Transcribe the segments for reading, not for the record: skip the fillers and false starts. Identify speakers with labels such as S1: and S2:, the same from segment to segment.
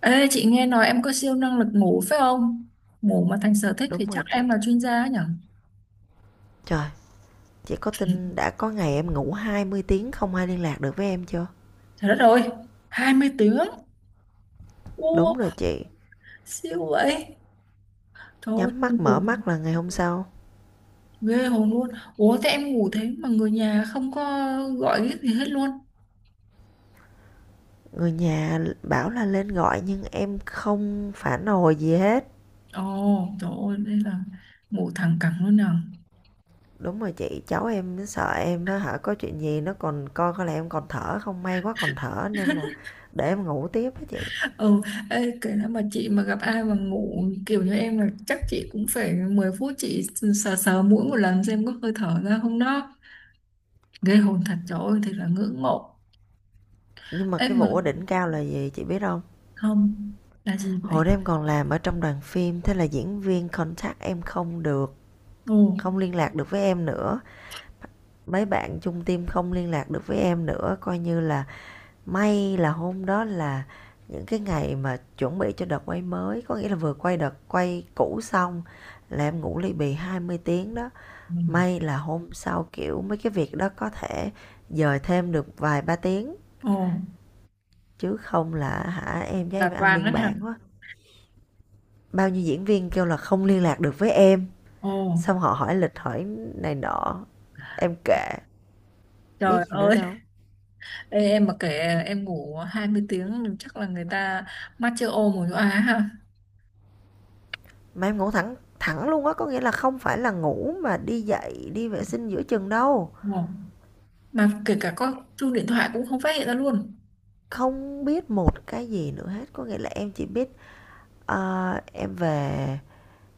S1: Ê, chị nghe nói em có siêu năng lực ngủ phải không? Ngủ mà thành sở thích thì
S2: Đúng rồi
S1: chắc
S2: chị.
S1: em là chuyên gia ấy nhở?
S2: Trời, chị có tin đã có ngày em ngủ 20 tiếng không ai liên lạc được với em chưa?
S1: Trời đất ơi, 20 tiếng.
S2: Đúng
S1: Ô,
S2: rồi chị.
S1: siêu vậy. Trời ơi,
S2: Nhắm mắt mở
S1: ngủ
S2: mắt là ngày hôm sau.
S1: ghê hồn luôn. Ủa, thế em ngủ thế mà người nhà không có gọi cái gì hết luôn.
S2: Người nhà bảo là lên gọi nhưng em không phản hồi gì hết.
S1: Ồ, trời ơi, đây là ngủ thẳng cẳng luôn nào.
S2: Đúng rồi chị, cháu em nó sợ em á hả, có chuyện gì nó còn coi coi là em còn thở không, may quá còn thở nên là để em ngủ tiếp á chị.
S1: Ừ, ê, kể nếu mà chị mà gặp ai mà ngủ kiểu như em là chắc chị cũng phải 10 phút chị sờ sờ mũi một lần xem có hơi thở ra không đó. Ghê hồn thật, trời ơi, thật là ngưỡng mộ.
S2: Nhưng mà
S1: Ê
S2: cái
S1: mà
S2: vụ ở đỉnh cao là gì chị biết không?
S1: không, là gì vậy?
S2: Hồi đó em còn làm ở trong đoàn phim, thế là diễn viên contact em không được,
S1: Ồ,
S2: không liên lạc được với em nữa, mấy bạn chung team không liên lạc được với em nữa, coi như là may là hôm đó là những cái ngày mà chuẩn bị cho đợt quay mới, có nghĩa là vừa quay đợt quay cũ xong là em ngủ ly bì 20 tiếng đó. May là hôm sau kiểu mấy cái việc đó có thể dời thêm được vài ba tiếng,
S1: ồ,
S2: chứ không là hả em với em
S1: là
S2: ăn
S1: Toàn đó
S2: biên
S1: hả?
S2: bản quá. Bao nhiêu diễn viên kêu là không liên lạc được với em,
S1: Ồ,
S2: xong họ hỏi lịch hỏi này nọ, em kệ, biết
S1: trời
S2: gì nữa
S1: ơi.
S2: đâu.
S1: Ê, em mà kể em ngủ 20 tiếng thì chắc là người ta mắt chưa ô mù chỗ á ha.
S2: Mà em ngủ thẳng thẳng luôn á, có nghĩa là không phải là ngủ mà đi dậy đi vệ sinh giữa chừng đâu,
S1: Ồ, mà kể cả có chuông điện thoại cũng không phát hiện ra luôn.
S2: không biết một cái gì nữa hết, có nghĩa là em chỉ biết ờ, em về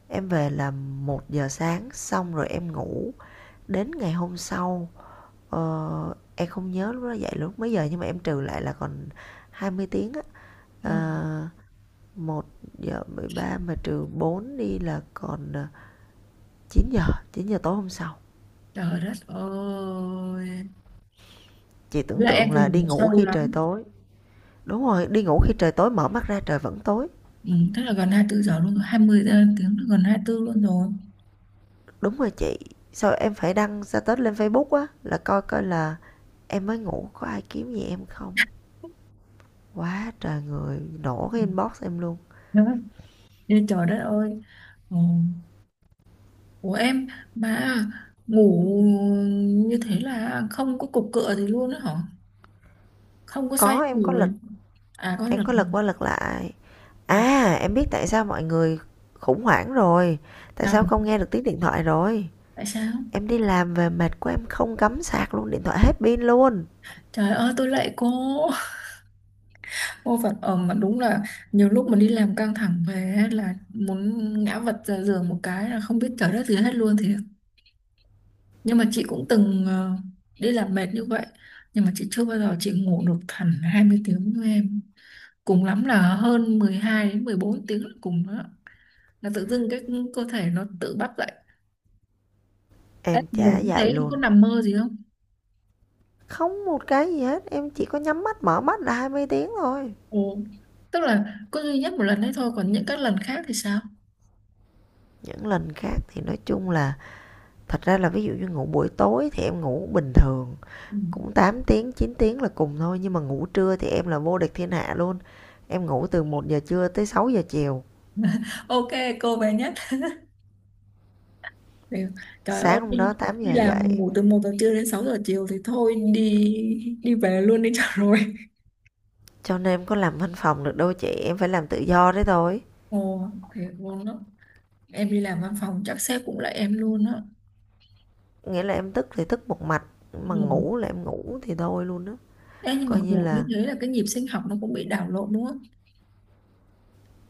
S2: em về là 1 giờ sáng xong rồi em ngủ đến ngày hôm sau. Em không nhớ lúc đó dậy lúc mấy giờ, nhưng mà em trừ lại là còn 20 tiếng á.
S1: Trời,
S2: Ờ, 1:13 mà trừ 4 đi là còn 9 giờ, 9 giờ tối hôm sau.
S1: trời đất ơi.
S2: Chị
S1: Với
S2: tưởng
S1: lại em
S2: tượng
S1: thì
S2: là đi
S1: ngủ
S2: ngủ
S1: sâu
S2: khi trời
S1: lắm.
S2: tối. Đúng rồi, đi ngủ khi trời tối mở mắt ra trời vẫn tối.
S1: Ừ, tức là gần 24 giờ luôn rồi, 20 tiếng, gần 24 luôn rồi.
S2: Đúng rồi chị. Sao em phải đăng status lên Facebook á, là coi coi là em mới ngủ có ai kiếm gì em không. Quá trời người nổ cái
S1: Ừ,
S2: inbox em luôn.
S1: đó. Ê, trời đất ơi. Ồ. Của em mà ngủ như thế là không có cục cựa gì luôn á hả? Không có xoay
S2: Có, em có lịch,
S1: người à? Có
S2: em
S1: lần.
S2: có lật qua lật lại.
S1: Ồ,
S2: À, em biết tại sao mọi người khủng hoảng rồi. Tại sao
S1: sao?
S2: không nghe được tiếng điện thoại rồi.
S1: Tại sao?
S2: Em đi làm về mệt của em không cắm sạc luôn, điện thoại hết pin luôn.
S1: Trời ơi, tôi lạy cô. Cô vật ở mà đúng là nhiều lúc mà đi làm căng thẳng về á, là muốn ngã vật ra giường một cái là không biết trời đất gì hết luôn thì nhưng mà chị cũng từng đi làm mệt như vậy, nhưng mà chị chưa bao giờ chị ngủ được hẳn 20 tiếng như em, cùng lắm là hơn 12 đến 14 tiếng là cùng đó, là tự dưng cái cơ thể nó tự bắt dậy. Ê,
S2: Em
S1: ngủ
S2: chả
S1: như thế
S2: dậy
S1: em có
S2: luôn.
S1: nằm mơ gì không?
S2: Không một cái gì hết, em chỉ có nhắm mắt mở mắt là 20 tiếng thôi.
S1: Ừ. Tức là có duy nhất một lần đấy thôi, còn những các lần khác thì sao?
S2: Những lần khác thì nói chung là thật ra là ví dụ như ngủ buổi tối thì em ngủ bình thường
S1: Ừ.
S2: cũng 8 tiếng 9 tiếng là cùng thôi, nhưng mà ngủ trưa thì em là vô địch thiên hạ luôn. Em ngủ từ 1 giờ trưa tới 6 giờ chiều,
S1: Ok, cô bé nhất. Thì, trời ơi
S2: sáng hôm đó
S1: đi,
S2: 8
S1: đi
S2: giờ
S1: làm mà
S2: dậy.
S1: ngủ từ 1 giờ trưa đến 6 giờ chiều thì thôi đi, đi về luôn đi cho rồi.
S2: Cho nên em có làm văn phòng được đâu chị, em phải làm tự do đấy thôi.
S1: Ồ, thế vốn đó. Em đi làm văn phòng chắc sếp cũng lại em luôn á.
S2: Nghĩa là em thức thì thức một mạch,
S1: Ừ.
S2: mà
S1: Ừ.
S2: ngủ là em ngủ thì thôi luôn đó.
S1: Ê, nhưng mà
S2: Coi như
S1: ngủ như
S2: là
S1: thế là cái nhịp sinh học nó cũng bị đảo lộn đúng không?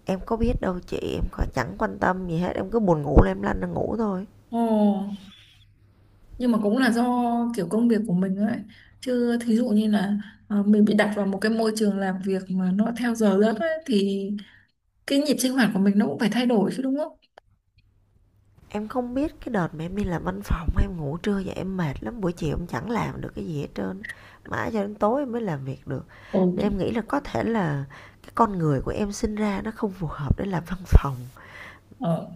S2: em có biết đâu chị, em có chẳng quan tâm gì hết, em cứ buồn ngủ là em lăn ra ngủ thôi.
S1: Ồ, nhưng mà cũng là do kiểu công việc của mình ấy, chứ thí dụ như là mình bị đặt vào một cái môi trường làm việc mà nó theo giờ giấc ấy, thì cái nhịp sinh hoạt của mình nó cũng phải thay đổi chứ đúng không?
S2: Em không biết cái đợt mà em đi làm văn phòng em ngủ trưa vậy em mệt lắm, buổi chiều em chẳng làm được cái gì hết trơn, mãi cho đến tối em mới làm việc được.
S1: Ồ,
S2: Nên
S1: trời.
S2: em nghĩ là có thể là cái con người của em sinh ra nó không phù hợp để làm văn phòng.
S1: ờ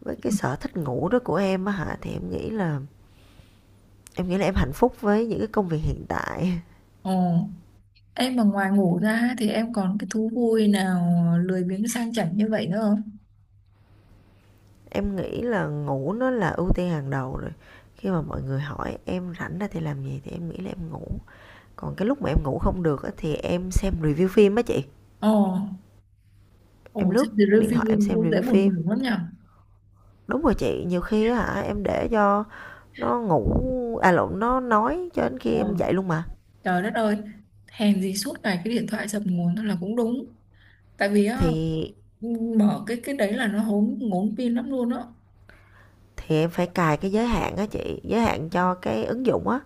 S2: Với cái sở thích ngủ đó của em á hả, thì em nghĩ là em hạnh phúc với những cái công việc hiện tại.
S1: ờ em mà ngoài ngủ ra ấy, thì em còn cái thú vui nào lười biếng sang chảnh như vậy nữa không?
S2: Em nghĩ là ngủ nó là ưu tiên hàng đầu rồi. Khi mà mọi người hỏi em rảnh ra thì làm gì thì em nghĩ là em ngủ. Còn cái lúc mà em ngủ không được á, thì em xem review phim á chị.
S1: Ồ, ồ,
S2: Em lướt
S1: xem the
S2: điện thoại em
S1: review
S2: xem
S1: cũng dễ
S2: review
S1: buồn ngủ
S2: phim.
S1: lắm nhở.
S2: Đúng rồi chị, nhiều khi hả em để cho nó ngủ, à lộn, nó nói cho đến khi
S1: Ờ.
S2: em dậy luôn mà.
S1: Trời đất ơi, hèn gì suốt ngày cái điện thoại dập nguồn thôi là cũng đúng. Tại vì á,
S2: Thì
S1: mở cái đấy là nó hốn ngốn pin lắm luôn á.
S2: thì em phải cài cái giới hạn á chị, giới hạn cho cái ứng dụng á,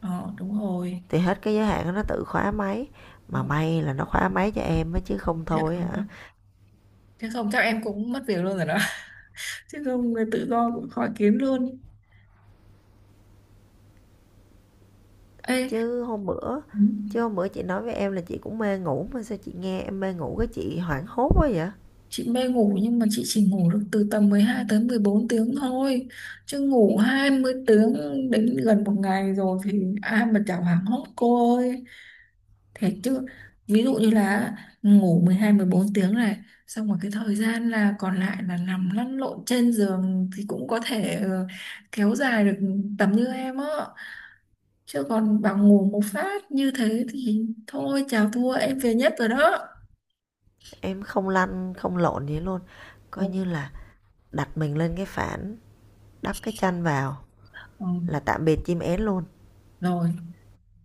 S1: Ờ, đúng rồi.
S2: thì hết cái giới hạn nó tự khóa máy.
S1: Ồ,
S2: Mà may là nó khóa máy cho em á chứ không
S1: thiệt
S2: thôi
S1: không á?
S2: hả?
S1: Thế không chắc em cũng mất việc luôn rồi đó. Chứ không người tự do cũng khó kiếm luôn. Ê,
S2: Chứ hôm bữa
S1: ừ,
S2: chứ hôm bữa chị nói với em là chị cũng mê ngủ, mà sao chị nghe em mê ngủ cái chị hoảng hốt quá vậy?
S1: chị mê ngủ nhưng mà chị chỉ ngủ được từ tầm 12 tới 14 tiếng thôi. Chứ ngủ 20 tiếng đến gần một ngày rồi thì ai mà chả hoảng hốt cô ơi. Thế chứ ví dụ như là ngủ 12 14 tiếng này, xong rồi cái thời gian là còn lại là nằm lăn lộn trên giường thì cũng có thể kéo dài được tầm như em á. Chứ còn bảo ngủ một phát như thế thì thôi, chào thua, em về nhất rồi đó.
S2: Em không lăn không lộn gì luôn. Coi
S1: Ồ,
S2: như là đặt mình lên cái phản, đắp cái chăn vào
S1: ừ,
S2: là tạm biệt chim én luôn.
S1: rồi,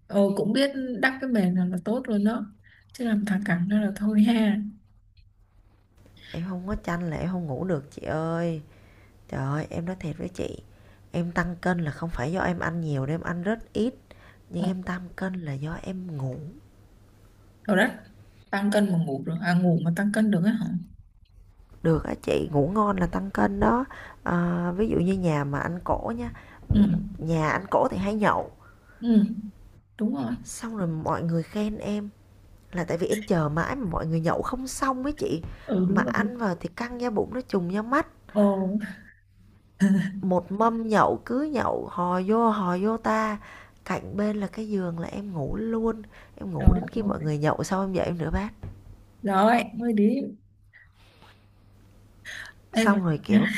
S1: cũng biết đắp cái mền là tốt luôn đó. Chứ làm thằng cẳng đó là thôi ha.
S2: Em không có chăn là em không ngủ được chị ơi. Trời ơi em nói thiệt với chị, em tăng cân là không phải do em ăn nhiều đâu, em ăn rất ít,
S1: Ừ,
S2: nhưng em tăng cân là do em ngủ.
S1: rồi đấy, tăng cân mà ngủ được, à ngủ mà tăng cân được á hả?
S2: Được á chị, ngủ ngon là tăng cân đó. À, ví dụ như nhà mà anh cỗ nha,
S1: Ừ,
S2: nhà anh cỗ thì hay nhậu,
S1: ừ, đúng rồi.
S2: xong rồi mọi người khen em là tại vì em chờ mãi mà mọi người nhậu không xong với chị,
S1: Ừ,
S2: mà
S1: đúng rồi.
S2: ăn vào thì căng da bụng nó trùng da mắt.
S1: Ồ,
S2: Một mâm nhậu cứ nhậu, hò vô ta, cạnh bên là cái giường là em ngủ luôn, em ngủ
S1: rồi,
S2: đến khi mọi
S1: rồi,
S2: người nhậu xong em dậy em rửa bát.
S1: rồi, mới đi. Ê, mà
S2: Xong rồi,
S1: nhá.
S2: kiểu,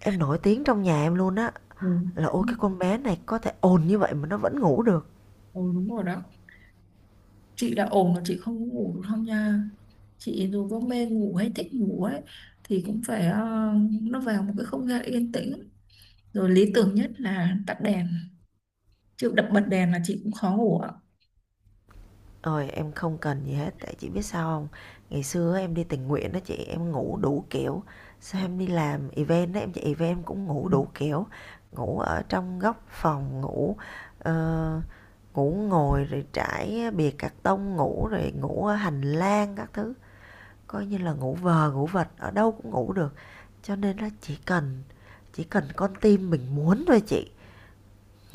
S2: em nổi tiếng trong nhà em luôn á,
S1: Ừ.
S2: là "Ôi, cái con bé này có thể ồn như vậy mà nó vẫn ngủ được."
S1: Ồ, đúng rồi đó. Chị đã ổn mà chị không có ngủ được không nha. Chị dù có mê ngủ hay thích ngủ ấy, thì cũng phải nó vào một cái không gian yên tĩnh. Rồi lý tưởng nhất là tắt đèn. Chứ đập bật đèn là chị cũng khó ngủ ạ.
S2: Ôi, em không cần gì hết, tại chị biết sao không. Ngày xưa em đi tình nguyện đó chị, em ngủ đủ kiểu, xong em đi làm event đó em chạy event em cũng ngủ
S1: Ừ.
S2: đủ kiểu, ngủ ở trong góc phòng, ờ, ngủ ngồi rồi trải bìa cạc tông ngủ, rồi ngủ ở hành lang các thứ, coi như là ngủ vờ ngủ vật, ở đâu cũng ngủ được. Cho nên á chỉ cần con tim mình muốn thôi chị,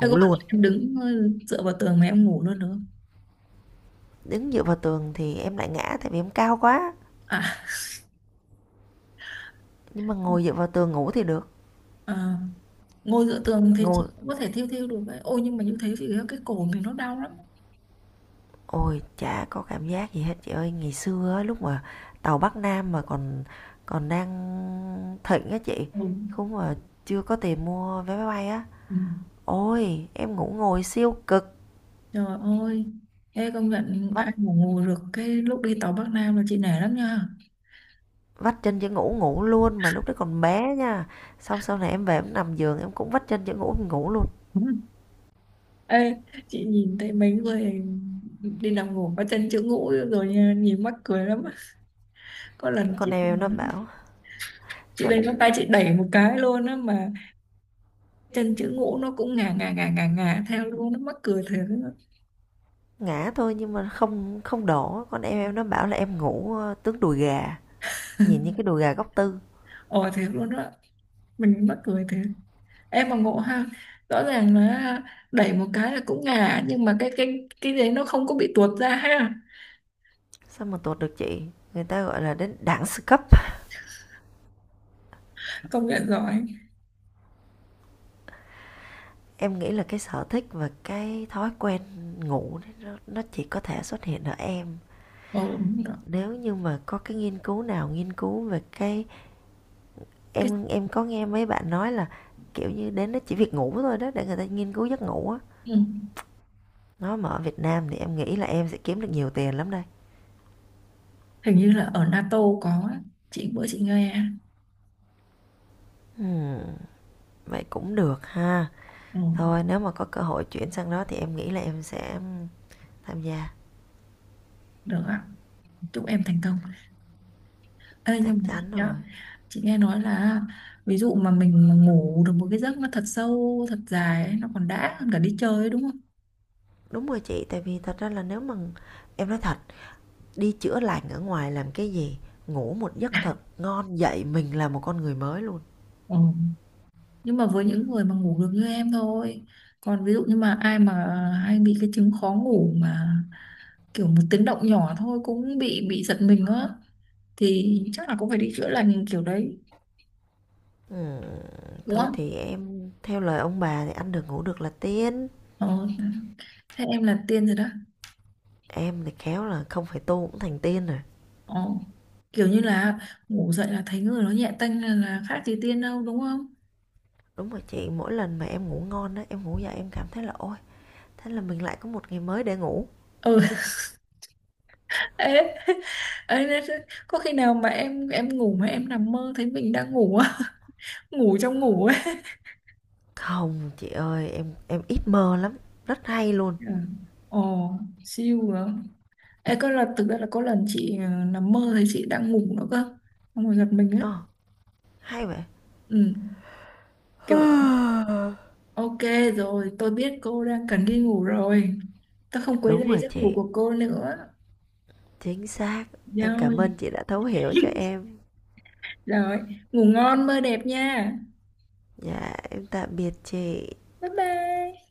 S1: Thế có bao giờ
S2: luôn.
S1: em đứng dựa vào tường mà em ngủ luôn được không?
S2: Đứng dựa vào tường thì em lại ngã tại vì em cao quá,
S1: À,
S2: nhưng mà ngồi dựa vào tường ngủ thì được.
S1: à, ngồi dựa tường thì
S2: Ngồi
S1: chị cũng có thể thiêu thiêu được ấy. Ôi nhưng mà như thế thì cái cổ mình nó đau lắm.
S2: ôi, chả có cảm giác gì hết chị ơi. Ngày xưa á, lúc mà tàu Bắc Nam mà còn còn đang thịnh á chị,
S1: Ừ.
S2: không mà chưa có tiền mua vé máy bay á,
S1: Ừ.
S2: ôi, em ngủ ngồi siêu cực,
S1: Trời ơi, ê công nhận
S2: vắt
S1: ai mà ngủ được cái lúc đi tàu Bắc Nam là chị nể lắm nha.
S2: vắt chân chữ ngủ ngủ luôn, mà lúc đấy còn bé nha. Xong sau này em về em nằm giường em cũng vắt chân chữ ngủ em ngủ luôn.
S1: Ê, chị nhìn thấy mấy người đi làm ngủ có chân chữ ngũ rồi nha, nhìn mắc cười lắm. Có lần
S2: Con
S1: chị
S2: em nó bảo
S1: lên ngón
S2: con
S1: tay chị đẩy một cái luôn á, mà chân chữ ngũ nó cũng ngà ngà ngà ngà ngà theo luôn, nó mắc cười thiệt á.
S2: ngã thôi nhưng mà không không đổ, con em nó bảo là em ngủ tướng đùi gà, nhìn những cái đùi gà góc tư.
S1: Ồ, thiệt luôn đó, mình mắc cười thiệt. Em mà ngộ ha, rõ ràng là đẩy một cái là cũng ngà, nhưng mà cái đấy nó không có bị tuột ra ha.
S2: Sao mà tuột được chị? Người ta gọi là đến đẳng sư cấp.
S1: Công nhận giỏi.
S2: Em nghĩ là cái sở thích và cái thói quen ngủ nó chỉ có thể xuất hiện ở em.
S1: Ờ, đúng rồi.
S2: Nếu như mà có cái nghiên cứu nào nghiên cứu về cái
S1: Cái,
S2: em có nghe mấy bạn nói là kiểu như đến đó chỉ việc ngủ thôi đó để người ta nghiên cứu giấc ngủ á.
S1: ừ,
S2: Nó mà ở Việt Nam thì em nghĩ là em sẽ kiếm được nhiều tiền lắm đây.
S1: hình như là ở NATO có á. Chị bữa chị nghe.
S2: Hmm, vậy cũng được ha.
S1: Ừ,
S2: Thôi nếu mà có cơ hội chuyển sang đó thì em nghĩ là em sẽ tham gia,
S1: được ạ, chúc em thành công. Ê,
S2: chắc
S1: nhưng mà chị,
S2: chắn
S1: nhá,
S2: rồi.
S1: chị nghe nói là ví dụ mà mình mà ngủ được một cái giấc nó thật sâu thật dài ấy, nó còn đã hơn cả đi chơi ấy, đúng không?
S2: Đúng rồi chị, tại vì thật ra là nếu mà em nói thật, đi chữa lành ở ngoài làm cái gì, ngủ một giấc thật ngon dậy mình là một con người mới luôn.
S1: Ừ. Nhưng mà với những người mà ngủ được như em thôi, còn ví dụ như mà ai mà hay bị cái chứng khó ngủ mà kiểu một tiếng động nhỏ thôi cũng bị giật mình á, thì chắc là cũng phải đi chữa lành kiểu đấy
S2: Ừm,
S1: đúng
S2: thôi
S1: không?
S2: thì em theo lời ông bà thì ăn được ngủ được là tiên.
S1: Ờ, thế em là tiên rồi đó.
S2: Em thì khéo là không phải tu cũng thành tiên rồi.
S1: Ờ, kiểu như là ngủ dậy là thấy người nó nhẹ tênh là khác gì tiên đâu đúng không?
S2: Đúng rồi chị, mỗi lần mà em ngủ ngon á, em ngủ dậy em cảm thấy là ôi, thế là mình lại có một ngày mới để ngủ.
S1: Ừ. Ê, nên có khi nào mà em ngủ mà em nằm mơ thấy mình đang ngủ á, ngủ trong ngủ ấy.
S2: Không chị ơi, em ít mơ lắm, rất hay luôn.
S1: Ừ. Ồ, siêu rồi. Ê, có lần thực ra là có lần chị nằm mơ thấy chị đang ngủ nữa cơ. Xong rồi giật mình á.
S2: Ờ, hay vậy.
S1: Ừ, kiểu ok rồi, tôi biết cô đang cần đi ngủ rồi. Tôi không quấy
S2: Đúng
S1: rầy
S2: rồi
S1: giấc ngủ
S2: chị,
S1: của cô nữa.
S2: chính xác. Em cảm
S1: Rồi.
S2: ơn chị đã thấu hiểu cho em.
S1: Rồi, ngủ ngon mơ đẹp nha.
S2: Dạ em tạm biệt chị
S1: Bye bye.